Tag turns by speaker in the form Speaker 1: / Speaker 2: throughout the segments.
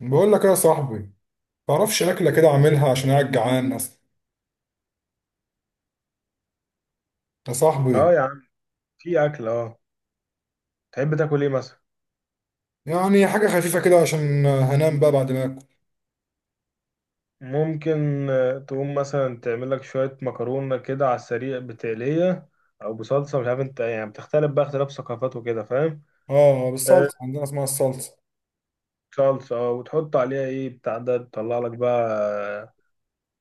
Speaker 1: بقول لك إيه يا صاحبي؟ تعرفش اكله كده اعملها عشان قاعد جعان اصلا، يا
Speaker 2: اه
Speaker 1: صاحبي.
Speaker 2: يا عم، في اكل. اه تحب تاكل ايه مثلا؟
Speaker 1: يعني حاجه خفيفه كده عشان هنام بقى بعد ما اكل.
Speaker 2: ممكن. تقوم مثلا تعمل لك شويه مكرونه كده على السريع بتقليه او بصلصه، مش عارف انت، يعني بتختلف بقى، اختلاف ثقافات وكده، فاهم؟
Speaker 1: اه،
Speaker 2: آه،
Speaker 1: بالصلصه عندنا اسمها الصلصه.
Speaker 2: صلصه، اه، وتحط عليها ايه بتاع ده، تطلع لك بقى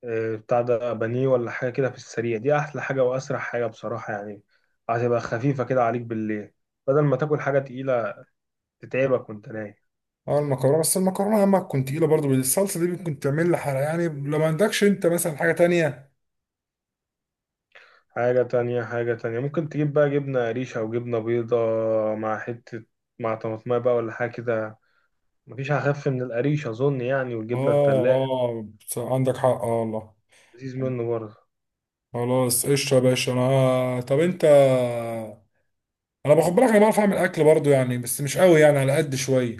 Speaker 2: بتاع ده بانيه ولا حاجه كده. في السريع دي احلى حاجه واسرع حاجه بصراحه يعني. هتبقى خفيفه كده عليك بالليل، بدل ما تاكل حاجه تقيله تتعبك وانت نايم.
Speaker 1: اه، المكرونه، بس المكرونه يا اما تكون تقيله، برضه الصلصه دي ممكن تعمل لي حرق، يعني لو ما عندكش انت مثلا حاجه تانية.
Speaker 2: حاجة تانية، حاجة تانية ممكن تجيب بقى جبنة قريش أو جبنة بيضة مع حتة، مع طماطمية بقى ولا حاجة كده. مفيش أخف من القريش أظن يعني، والجبنة
Speaker 1: اه،
Speaker 2: التلاجة
Speaker 1: اه، عندك حق، اه والله.
Speaker 2: لذيذ منه برضه.
Speaker 1: خلاص، قشطه يا باشا. انا، طب انت، انا باخد بالك، انا بعرف اعمل اكل برضه يعني، بس مش قوي يعني، على قد شويه.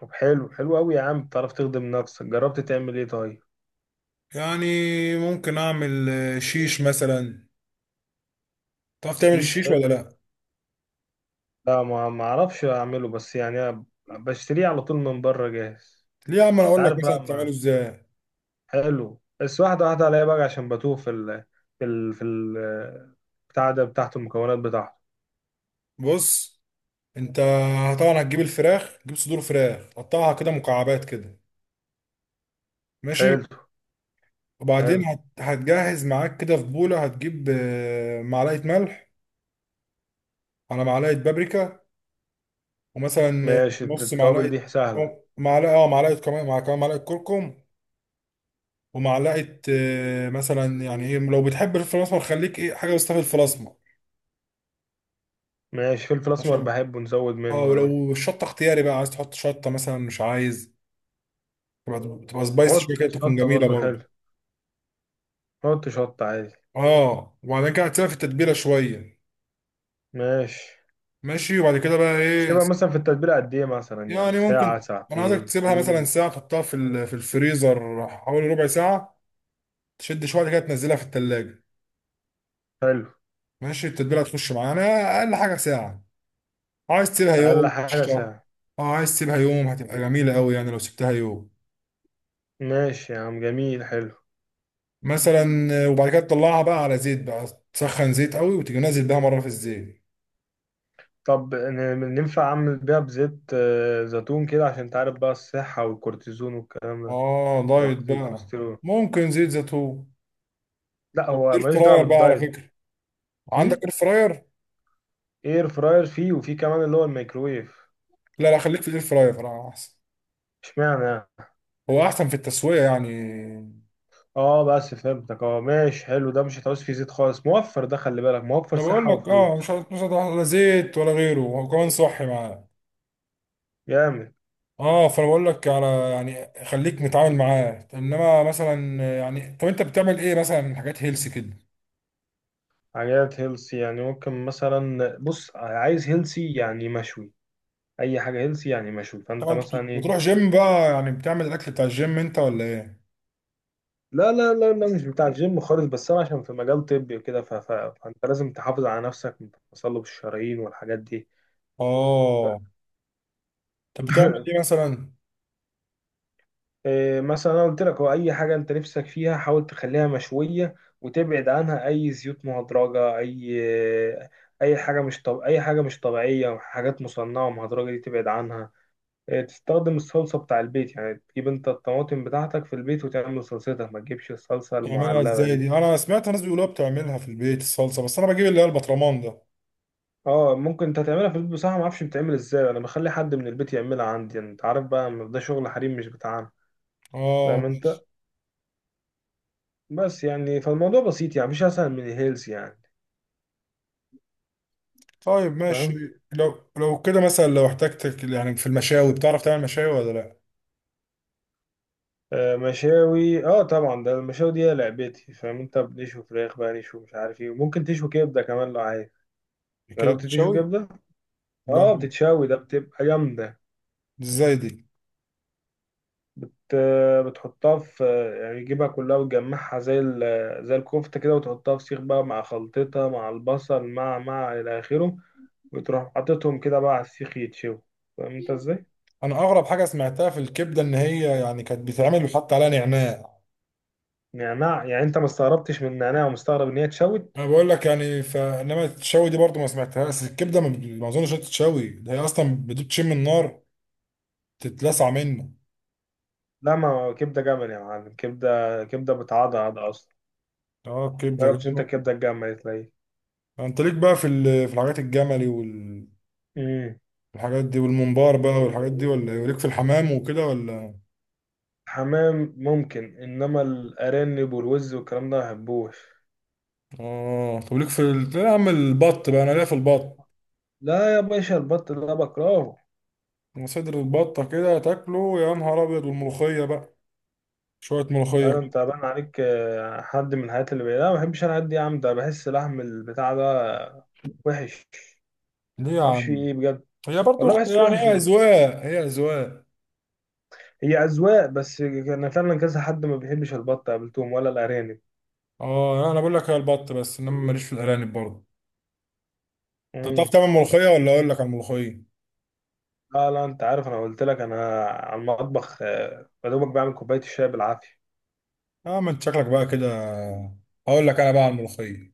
Speaker 2: طب حلو، حلو أوي يا عم، بتعرف تخدم نفسك. جربت تعمل إيه طيب؟
Speaker 1: يعني ممكن اعمل شيش مثلا. تعرف تعمل
Speaker 2: شيش
Speaker 1: الشيش ولا
Speaker 2: حلو.
Speaker 1: لا؟
Speaker 2: لا، ما أعرفش أعمله، بس يعني أنا بشتريه على طول من بره جاهز.
Speaker 1: ليه يا عم، انا
Speaker 2: أنت
Speaker 1: اقول لك
Speaker 2: عارف
Speaker 1: مثلا
Speaker 2: بقى.
Speaker 1: بتعمله
Speaker 2: ما
Speaker 1: ازاي.
Speaker 2: حلو، بس واحدة واحدة عليا بقى عشان بتوه في ال بتاع ده، بتاعته، المكونات بتاعته.
Speaker 1: بص، انت طبعا هتجيب الفراخ، تجيب صدور فراخ، تقطعها كده مكعبات كده. ماشي.
Speaker 2: حلو. حلو.
Speaker 1: وبعدين هتجهز معاك كده في بوله، هتجيب معلقه ملح، على معلقه بابريكا، ومثلا
Speaker 2: ماشي،
Speaker 1: نص
Speaker 2: التوابل
Speaker 1: معلقه،
Speaker 2: دي سهلة.
Speaker 1: أو معلقه، اه معلقه كمان، مع كمان معلقه كركم، ومعلقه مثلا يعني ايه، لو بتحب الفلفل الاسمر خليك ايه حاجه بس في الفلفل الاسمر
Speaker 2: ماشي، فلفل أسمر
Speaker 1: عشان،
Speaker 2: بحبه، نزود
Speaker 1: اه.
Speaker 2: منه عادي.
Speaker 1: ولو الشطه اختياري بقى، عايز تحط شطه مثلا، مش عايز. تبقى تبقى سبايسي
Speaker 2: نحط
Speaker 1: شويه كده، تكون
Speaker 2: شطة
Speaker 1: جميله
Speaker 2: برضو، حلو.
Speaker 1: برضه.
Speaker 2: نحط شطة عادي.
Speaker 1: اه، وبعدين كده هتسيبها في التتبيله شويه.
Speaker 2: ماشي.
Speaker 1: ماشي، وبعد كده بقى ايه،
Speaker 2: سيبها مثلا في التتبيلة قد إيه مثلا؟ يعني
Speaker 1: يعني
Speaker 2: ساعة،
Speaker 1: ممكن، انا عايزك
Speaker 2: ساعتين،
Speaker 1: تسيبها مثلا
Speaker 2: يوم؟
Speaker 1: ساعه، تحطها في في الفريزر حوالي ربع ساعه، تشد شويه كده، تنزلها في التلاجة.
Speaker 2: حلو.
Speaker 1: ماشي، التتبيله هتخش معانا. اقل حاجه ساعه، عايز تسيبها
Speaker 2: أقل
Speaker 1: يوم
Speaker 2: حاجة
Speaker 1: قشطه.
Speaker 2: ساعة.
Speaker 1: اه، عايز تسيبها يوم هتبقى جميله قوي، يعني لو سبتها يوم
Speaker 2: ماشي يا عم، جميل، حلو.
Speaker 1: مثلا. وبعد كده تطلعها بقى على زيت بقى، تسخن زيت قوي، وتيجي نازل بيها مره في الزيت.
Speaker 2: طب ننفع أعمل بيها بزيت زيتون كده، عشان تعرف بقى، الصحة والكورتيزون والكلام ده،
Speaker 1: اه، دايت
Speaker 2: وقصدي
Speaker 1: بقى،
Speaker 2: الكوليسترول.
Speaker 1: ممكن زيت زيتون.
Speaker 2: لا هو
Speaker 1: اير
Speaker 2: ملوش دعوة
Speaker 1: فراير بقى على
Speaker 2: بالدايت.
Speaker 1: فكره، عندك
Speaker 2: م?
Speaker 1: اير فراير؟
Speaker 2: إير فراير فيه، وفيه كمان اللي هو الميكرويف.
Speaker 1: لا لا، خليك في الاير فراير احسن.
Speaker 2: اشمعنى يعني؟
Speaker 1: هو احسن في التسويه يعني.
Speaker 2: اه بس فهمتك، اه ماشي حلو، ده مش هتعوز فيه زيت خالص، موفر، ده خلي بالك، موفر
Speaker 1: انا بقول
Speaker 2: صحة
Speaker 1: لك، اه، مش
Speaker 2: وفلوس.
Speaker 1: مش هتحط لا زيت ولا غيره، وكمان صحي معاه.
Speaker 2: جامد.
Speaker 1: اه، فانا بقول لك على يعني خليك متعامل معاه، انما مثلا يعني، طب انت بتعمل ايه مثلا من حاجات هيلسي كده؟
Speaker 2: حاجات هيلسي يعني؟ ممكن مثلا، بص، عايز هيلسي يعني مشوي. اي حاجة هيلسي يعني مشوي، فانت
Speaker 1: طبعا انت
Speaker 2: مثلا ايه؟
Speaker 1: بتروح جيم بقى يعني، بتعمل الاكل بتاع الجيم انت ولا ايه؟
Speaker 2: لا لا لا لا، مش بتاع الجيم خالص، بس انا عشان في مجال طبي وكده، فانت لازم تحافظ على نفسك من التصلب الشرايين والحاجات دي.
Speaker 1: اه، طب بتعمل ايه مثلا؟
Speaker 2: مثلا انا قلت لك، هو اي حاجه انت نفسك فيها حاول تخليها مشويه، وتبعد عنها اي زيوت مهدرجه، اي آه، اي حاجه مش طب... اي حاجه مش طبيعيه، حاجات مصنعه مهدرجه دي تبعد عنها. تستخدم الصلصه بتاع البيت، يعني تجيب انت الطماطم بتاعتك في البيت وتعمل صلصتها، ما تجيبش الصلصه
Speaker 1: تعملها
Speaker 2: المعلبه
Speaker 1: ازاي
Speaker 2: دي.
Speaker 1: دي؟ انا سمعت ناس بيقولوها بتعملها في البيت الصلصه، بس انا بجيب اللي هي البطرمان ده.
Speaker 2: اه ممكن انت تعملها في البيت، بصراحه ما اعرفش بتعمل ازاي، انا بخلي حد من البيت يعملها عندي، يعني انت عارف بقى ده شغل حريم مش بتاعنا،
Speaker 1: اه.
Speaker 2: فاهم انت؟ بس يعني فالموضوع بسيط يعني، مش اسهل من الهيلز يعني،
Speaker 1: طيب ماشي،
Speaker 2: فاهم.
Speaker 1: لو كده مثلا، لو احتجتك يعني في المشاوي، بتعرف تعمل مشاوي ولا لا؟
Speaker 2: مشاوي، اه طبعا، ده المشاوي دي هي لعبتي، فاهم انت، بنشوي فراخ بقى، نشوي مش عارف ايه، وممكن تشوي كبده كمان لو عايز.
Speaker 1: كده
Speaker 2: جربت تشوي
Speaker 1: بتشوي.
Speaker 2: كبده؟ اه
Speaker 1: لا.
Speaker 2: بتتشوي، ده بتبقى جامده.
Speaker 1: ازاي دي؟
Speaker 2: بت... آه، بتحطها في، يعني تجيبها كلها وتجمعها زي ال... آه، زي الكفته كده، وتحطها في سيخ بقى، مع خلطتها، مع البصل، مع الى اخره، وتروح حاططهم كده بقى على السيخ يتشوي، فاهم انت ازاي؟
Speaker 1: انا اغرب حاجه سمعتها في الكبده ان هي يعني كانت بتتعمل وحط عليها نعناع.
Speaker 2: نعناع؟ يعني انت ما استغربتش من النعناع، ومستغرب ان هي اتشوت؟
Speaker 1: انا بقول لك يعني، فانما التشوي دي برضو ما سمعتهاش الكبده. ما اظنش إنها تتشوي، ده هي اصلا بتشم النار تتلسع منه.
Speaker 2: لا ما هو كبده جمل يا معلم، كبده، كبده بتعضعض اصلا.
Speaker 1: اه، الكبده
Speaker 2: جربتش انت
Speaker 1: جميل.
Speaker 2: الكبده الجامه دي تلاقيه.
Speaker 1: انت ليك بقى في في الحاجات الجملي
Speaker 2: امم.
Speaker 1: والحاجات دي والممبار بقى والحاجات دي، ولا ليك في الحمام وكده ولا؟
Speaker 2: حمام ممكن، انما الارانب والوز والكلام ده ما بحبوش.
Speaker 1: اه طب ليك لا يا عم، البط بقى انا ليا في البط.
Speaker 2: لا يا باشا، البط ده بكرهه.
Speaker 1: أنا صدر البطه كده تاكله يا نهار ابيض، والملوخيه بقى شويه
Speaker 2: لا
Speaker 1: ملوخيه
Speaker 2: ده
Speaker 1: كده.
Speaker 2: انت بان عليك حد من الحاجات اللي لا، ما بحبش انا الحاجات دي يا عم، ده بحس لحم البتاع ده وحش.
Speaker 1: ليه يا
Speaker 2: ما اعرفش فيه
Speaker 1: عم؟
Speaker 2: ايه بجد.
Speaker 1: هي برضو
Speaker 2: والله بحس
Speaker 1: يعني
Speaker 2: وحش
Speaker 1: هي
Speaker 2: والله.
Speaker 1: اذواق، هي اذواق.
Speaker 2: هي اذواق، بس انا فعلا كذا حد ما بيحبش البط قابلتهم، ولا الارانب.
Speaker 1: اه، يعني انا بقول لك هي البط، بس انما ماليش في الارانب برضه. انت بتعرف
Speaker 2: امم.
Speaker 1: تعمل ملوخيه، ولا اقول لك على الملوخيه؟
Speaker 2: لا لا، انت عارف، انا قلت لك انا على المطبخ يا دوبك بعمل كوبايه الشاي بالعافيه.
Speaker 1: اه، ما انت شكلك بقى كده. هقول لك انا بقى على الملوخيه.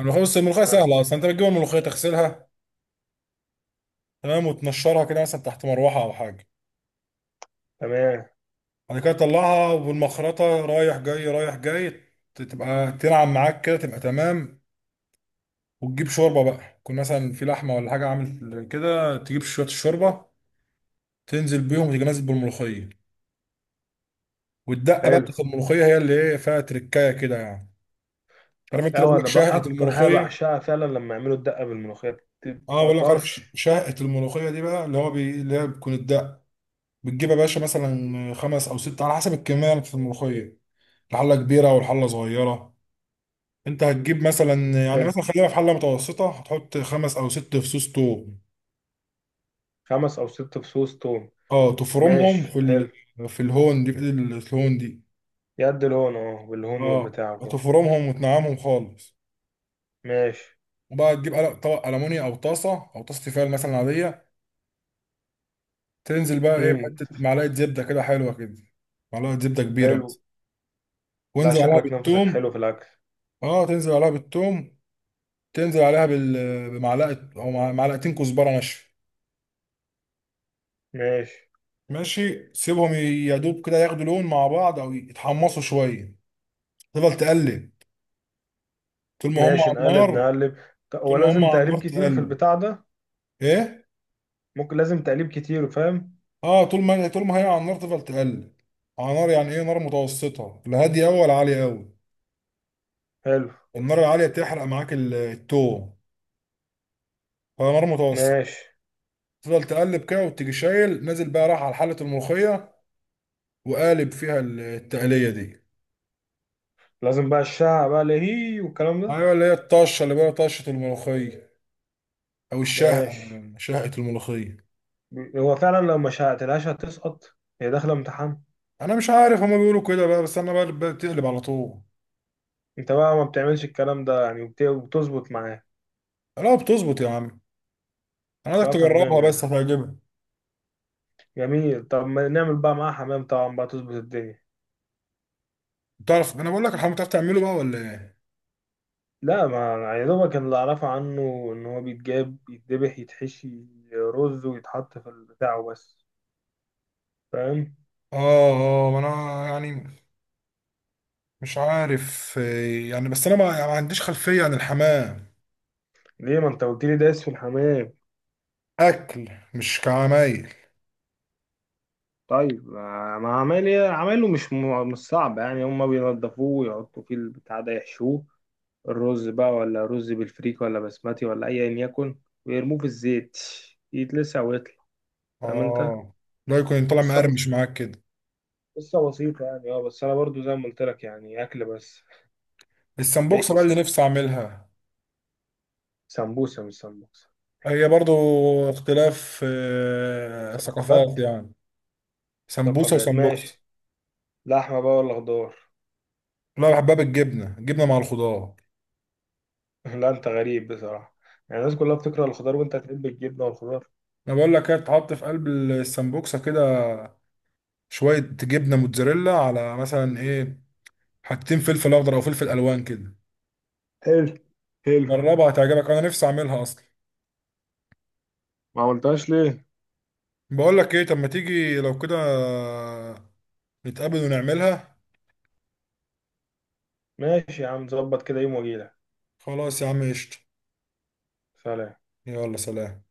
Speaker 1: الملوخيه، بس الملوخيه
Speaker 2: آه.
Speaker 1: سهله اصلا، انت بتجيب الملوخيه تغسلها، تمام، وتنشرها كده مثلا تحت مروحه او حاجه.
Speaker 2: تمام.
Speaker 1: بعد كده طلعها والمخرطة رايح جاي رايح جاي، تبقى تنعم معاك كده، تبقى تمام. وتجيب شوربة بقى، يكون مثلا في لحمة ولا حاجة عامل كده، تجيب شوية الشوربة تنزل بيهم، وتيجي نازل بالملوخية. والدقة بقى
Speaker 2: حلو.
Speaker 1: بتاعت الملوخية هي اللي ايه فيها تركاية كده يعني. عارف
Speaker 2: طب
Speaker 1: انت اللي بقول
Speaker 2: اه،
Speaker 1: لك
Speaker 2: انا بقى
Speaker 1: شهقة
Speaker 2: اكتر حاجه
Speaker 1: الملوخية؟
Speaker 2: بعشقها فعلا لما يعملوا الدقه بالملوخيه،
Speaker 1: اه،
Speaker 2: بتبقى
Speaker 1: بقول لك عارف
Speaker 2: طرش.
Speaker 1: شهقة الملوخية دي بقى، اللي هي بتكون الدقة. بتجيب يا باشا مثلا خمس او ست، على حسب الكمية اللي في الملوخية، الحلة كبيرة والحلة صغيرة. انت هتجيب مثلا، يعني
Speaker 2: حلو.
Speaker 1: مثلا خلينا في حله متوسطه، هتحط خمس او ست فصوص توم.
Speaker 2: خمس او ست فصوص توم.
Speaker 1: اه،
Speaker 2: ماشي
Speaker 1: تفرمهم
Speaker 2: حلو.
Speaker 1: في الهون دي، في ايد الهون دي.
Speaker 2: يد الهون اهو، بالهون
Speaker 1: اه،
Speaker 2: والبتاع وكده.
Speaker 1: تفرمهم وتنعمهم خالص.
Speaker 2: ماشي.
Speaker 1: وبقى تجيب قلق طبق المونيا، او طاسه، او طاسه تيفال مثلا عاديه. تنزل بقى ايه
Speaker 2: امم.
Speaker 1: بحته معلقه زبده كده حلوه كده، معلقه زبده كبيره
Speaker 2: حلو.
Speaker 1: مثلا،
Speaker 2: لا
Speaker 1: وانزل عليها
Speaker 2: شكلك نفسك
Speaker 1: بالثوم.
Speaker 2: حلو في الاكل.
Speaker 1: اه، تنزل عليها بالثوم، تنزل عليها بمعلقه او معلقتين كزبره ناشفه.
Speaker 2: ماشي.
Speaker 1: ماشي، سيبهم يا دوب كده ياخدوا لون مع بعض، او يتحمصوا شويه. تفضل تقلب طول ما هم
Speaker 2: ماشي،
Speaker 1: على
Speaker 2: نقلب،
Speaker 1: النار.
Speaker 2: نقلب. هو
Speaker 1: طول ما هم
Speaker 2: لازم
Speaker 1: على النار
Speaker 2: تقليب كتير في
Speaker 1: تقلب،
Speaker 2: البتاع ده؟
Speaker 1: ايه.
Speaker 2: ممكن لازم تقليب كتير، فاهم.
Speaker 1: اه، طول ما هي على النار تفضل تقلب. على نار، يعني ايه، نار متوسطه، لا هاديه قوي ولا عاليه قوي.
Speaker 2: حلو.
Speaker 1: النار العاليه بتحرق معاك التوم. فنار متوسطه.
Speaker 2: ماشي.
Speaker 1: تفضل تقلب كده، وتيجي شايل نازل بقى راح على حله الملوخيه، وقالب فيها التقليه دي.
Speaker 2: لازم بقى الشعر بقى لهي والكلام ده.
Speaker 1: ايوه، اللي هي الطشه، اللي بقى طشه الملوخيه، او الشهقه.
Speaker 2: ماشي.
Speaker 1: شهقه الملوخيه.
Speaker 2: هو فعلا لو ما شعتلهاش هتسقط، هي داخله امتحان.
Speaker 1: انا مش عارف هما بيقولوا كده بقى، بس انا بقى بتقلب على طول.
Speaker 2: انت بقى ما بتعملش الكلام ده يعني، وبتظبط معاه؟
Speaker 1: لا، بتظبط يا عم. انا عايزك
Speaker 2: لا فنان يا
Speaker 1: تجربها
Speaker 2: عم،
Speaker 1: بس هتعجبك.
Speaker 2: جميل. طب ما نعمل بقى معاه حمام طبعا بقى، تظبط الدنيا.
Speaker 1: تعرف، انا بقول لك الحمام بتعرف تعمله بقى ولا ايه؟
Speaker 2: لا، ما يا دوبك اللي اعرفه عنه، ان هو بيتجاب، يتذبح، يتحشي رز، ويتحط في البتاع وبس، فاهم؟
Speaker 1: اه، اه، ما انا يعني مش عارف يعني، بس انا ما, يعني ما عنديش خلفية عن الحمام.
Speaker 2: ليه، ما انت قلت لي دايس في الحمام.
Speaker 1: اكل مش كعمايل.
Speaker 2: طيب، ما عمال عمايله، مش مش صعب يعني، هما بينضفوه ويحطوا فيه البتاع ده، يحشوه الرز بقى، ولا رز بالفريك، ولا بسمتي، ولا ايا يكن، ويرموه في الزيت، يتلسع ويطلع، فاهم انت.
Speaker 1: اه، لا يكون طالع
Speaker 2: قصة بس،
Speaker 1: مقرمش معاك كده.
Speaker 2: قصة بسيطة يعني، اه بس أنا برضو زي ما قلت لك يعني، أكل بس.
Speaker 1: السمبوكسة بقى
Speaker 2: ميكس
Speaker 1: اللي
Speaker 2: يعني؟
Speaker 1: نفسي اعملها.
Speaker 2: سمبوسة مش سمبوسة.
Speaker 1: هي برضو اختلاف ثقافات
Speaker 2: ثقافات.
Speaker 1: يعني. سمبوسة
Speaker 2: ثقافات،
Speaker 1: وسمبوكسة.
Speaker 2: ماشي. لحمة بقى ولا خضار؟
Speaker 1: لا، بحبها بالجبنة، جبنة مع الخضار.
Speaker 2: لا أنت غريب بصراحة، يعني الناس كلها بتكره الخضار، وأنت تحب الجبنة والخضار.
Speaker 1: انا بقول لك ايه، تحط في قلب السمبوكسه كده شويه جبنه موتزاريلا، على مثلا ايه، حتتين فلفل اخضر او فلفل الوان كده.
Speaker 2: حلو، حلو.
Speaker 1: جربها هتعجبك، انا نفسي اعملها اصلا.
Speaker 2: ما عملتهاش ليه؟
Speaker 1: بقول لك ايه، طب ما تيجي لو كده، نتقابل ونعملها.
Speaker 2: ماشي يا عم، ظبط كده، يوم وأجيلك.
Speaker 1: خلاص يا عم، قشطه.
Speaker 2: سلام.
Speaker 1: يلا سلام.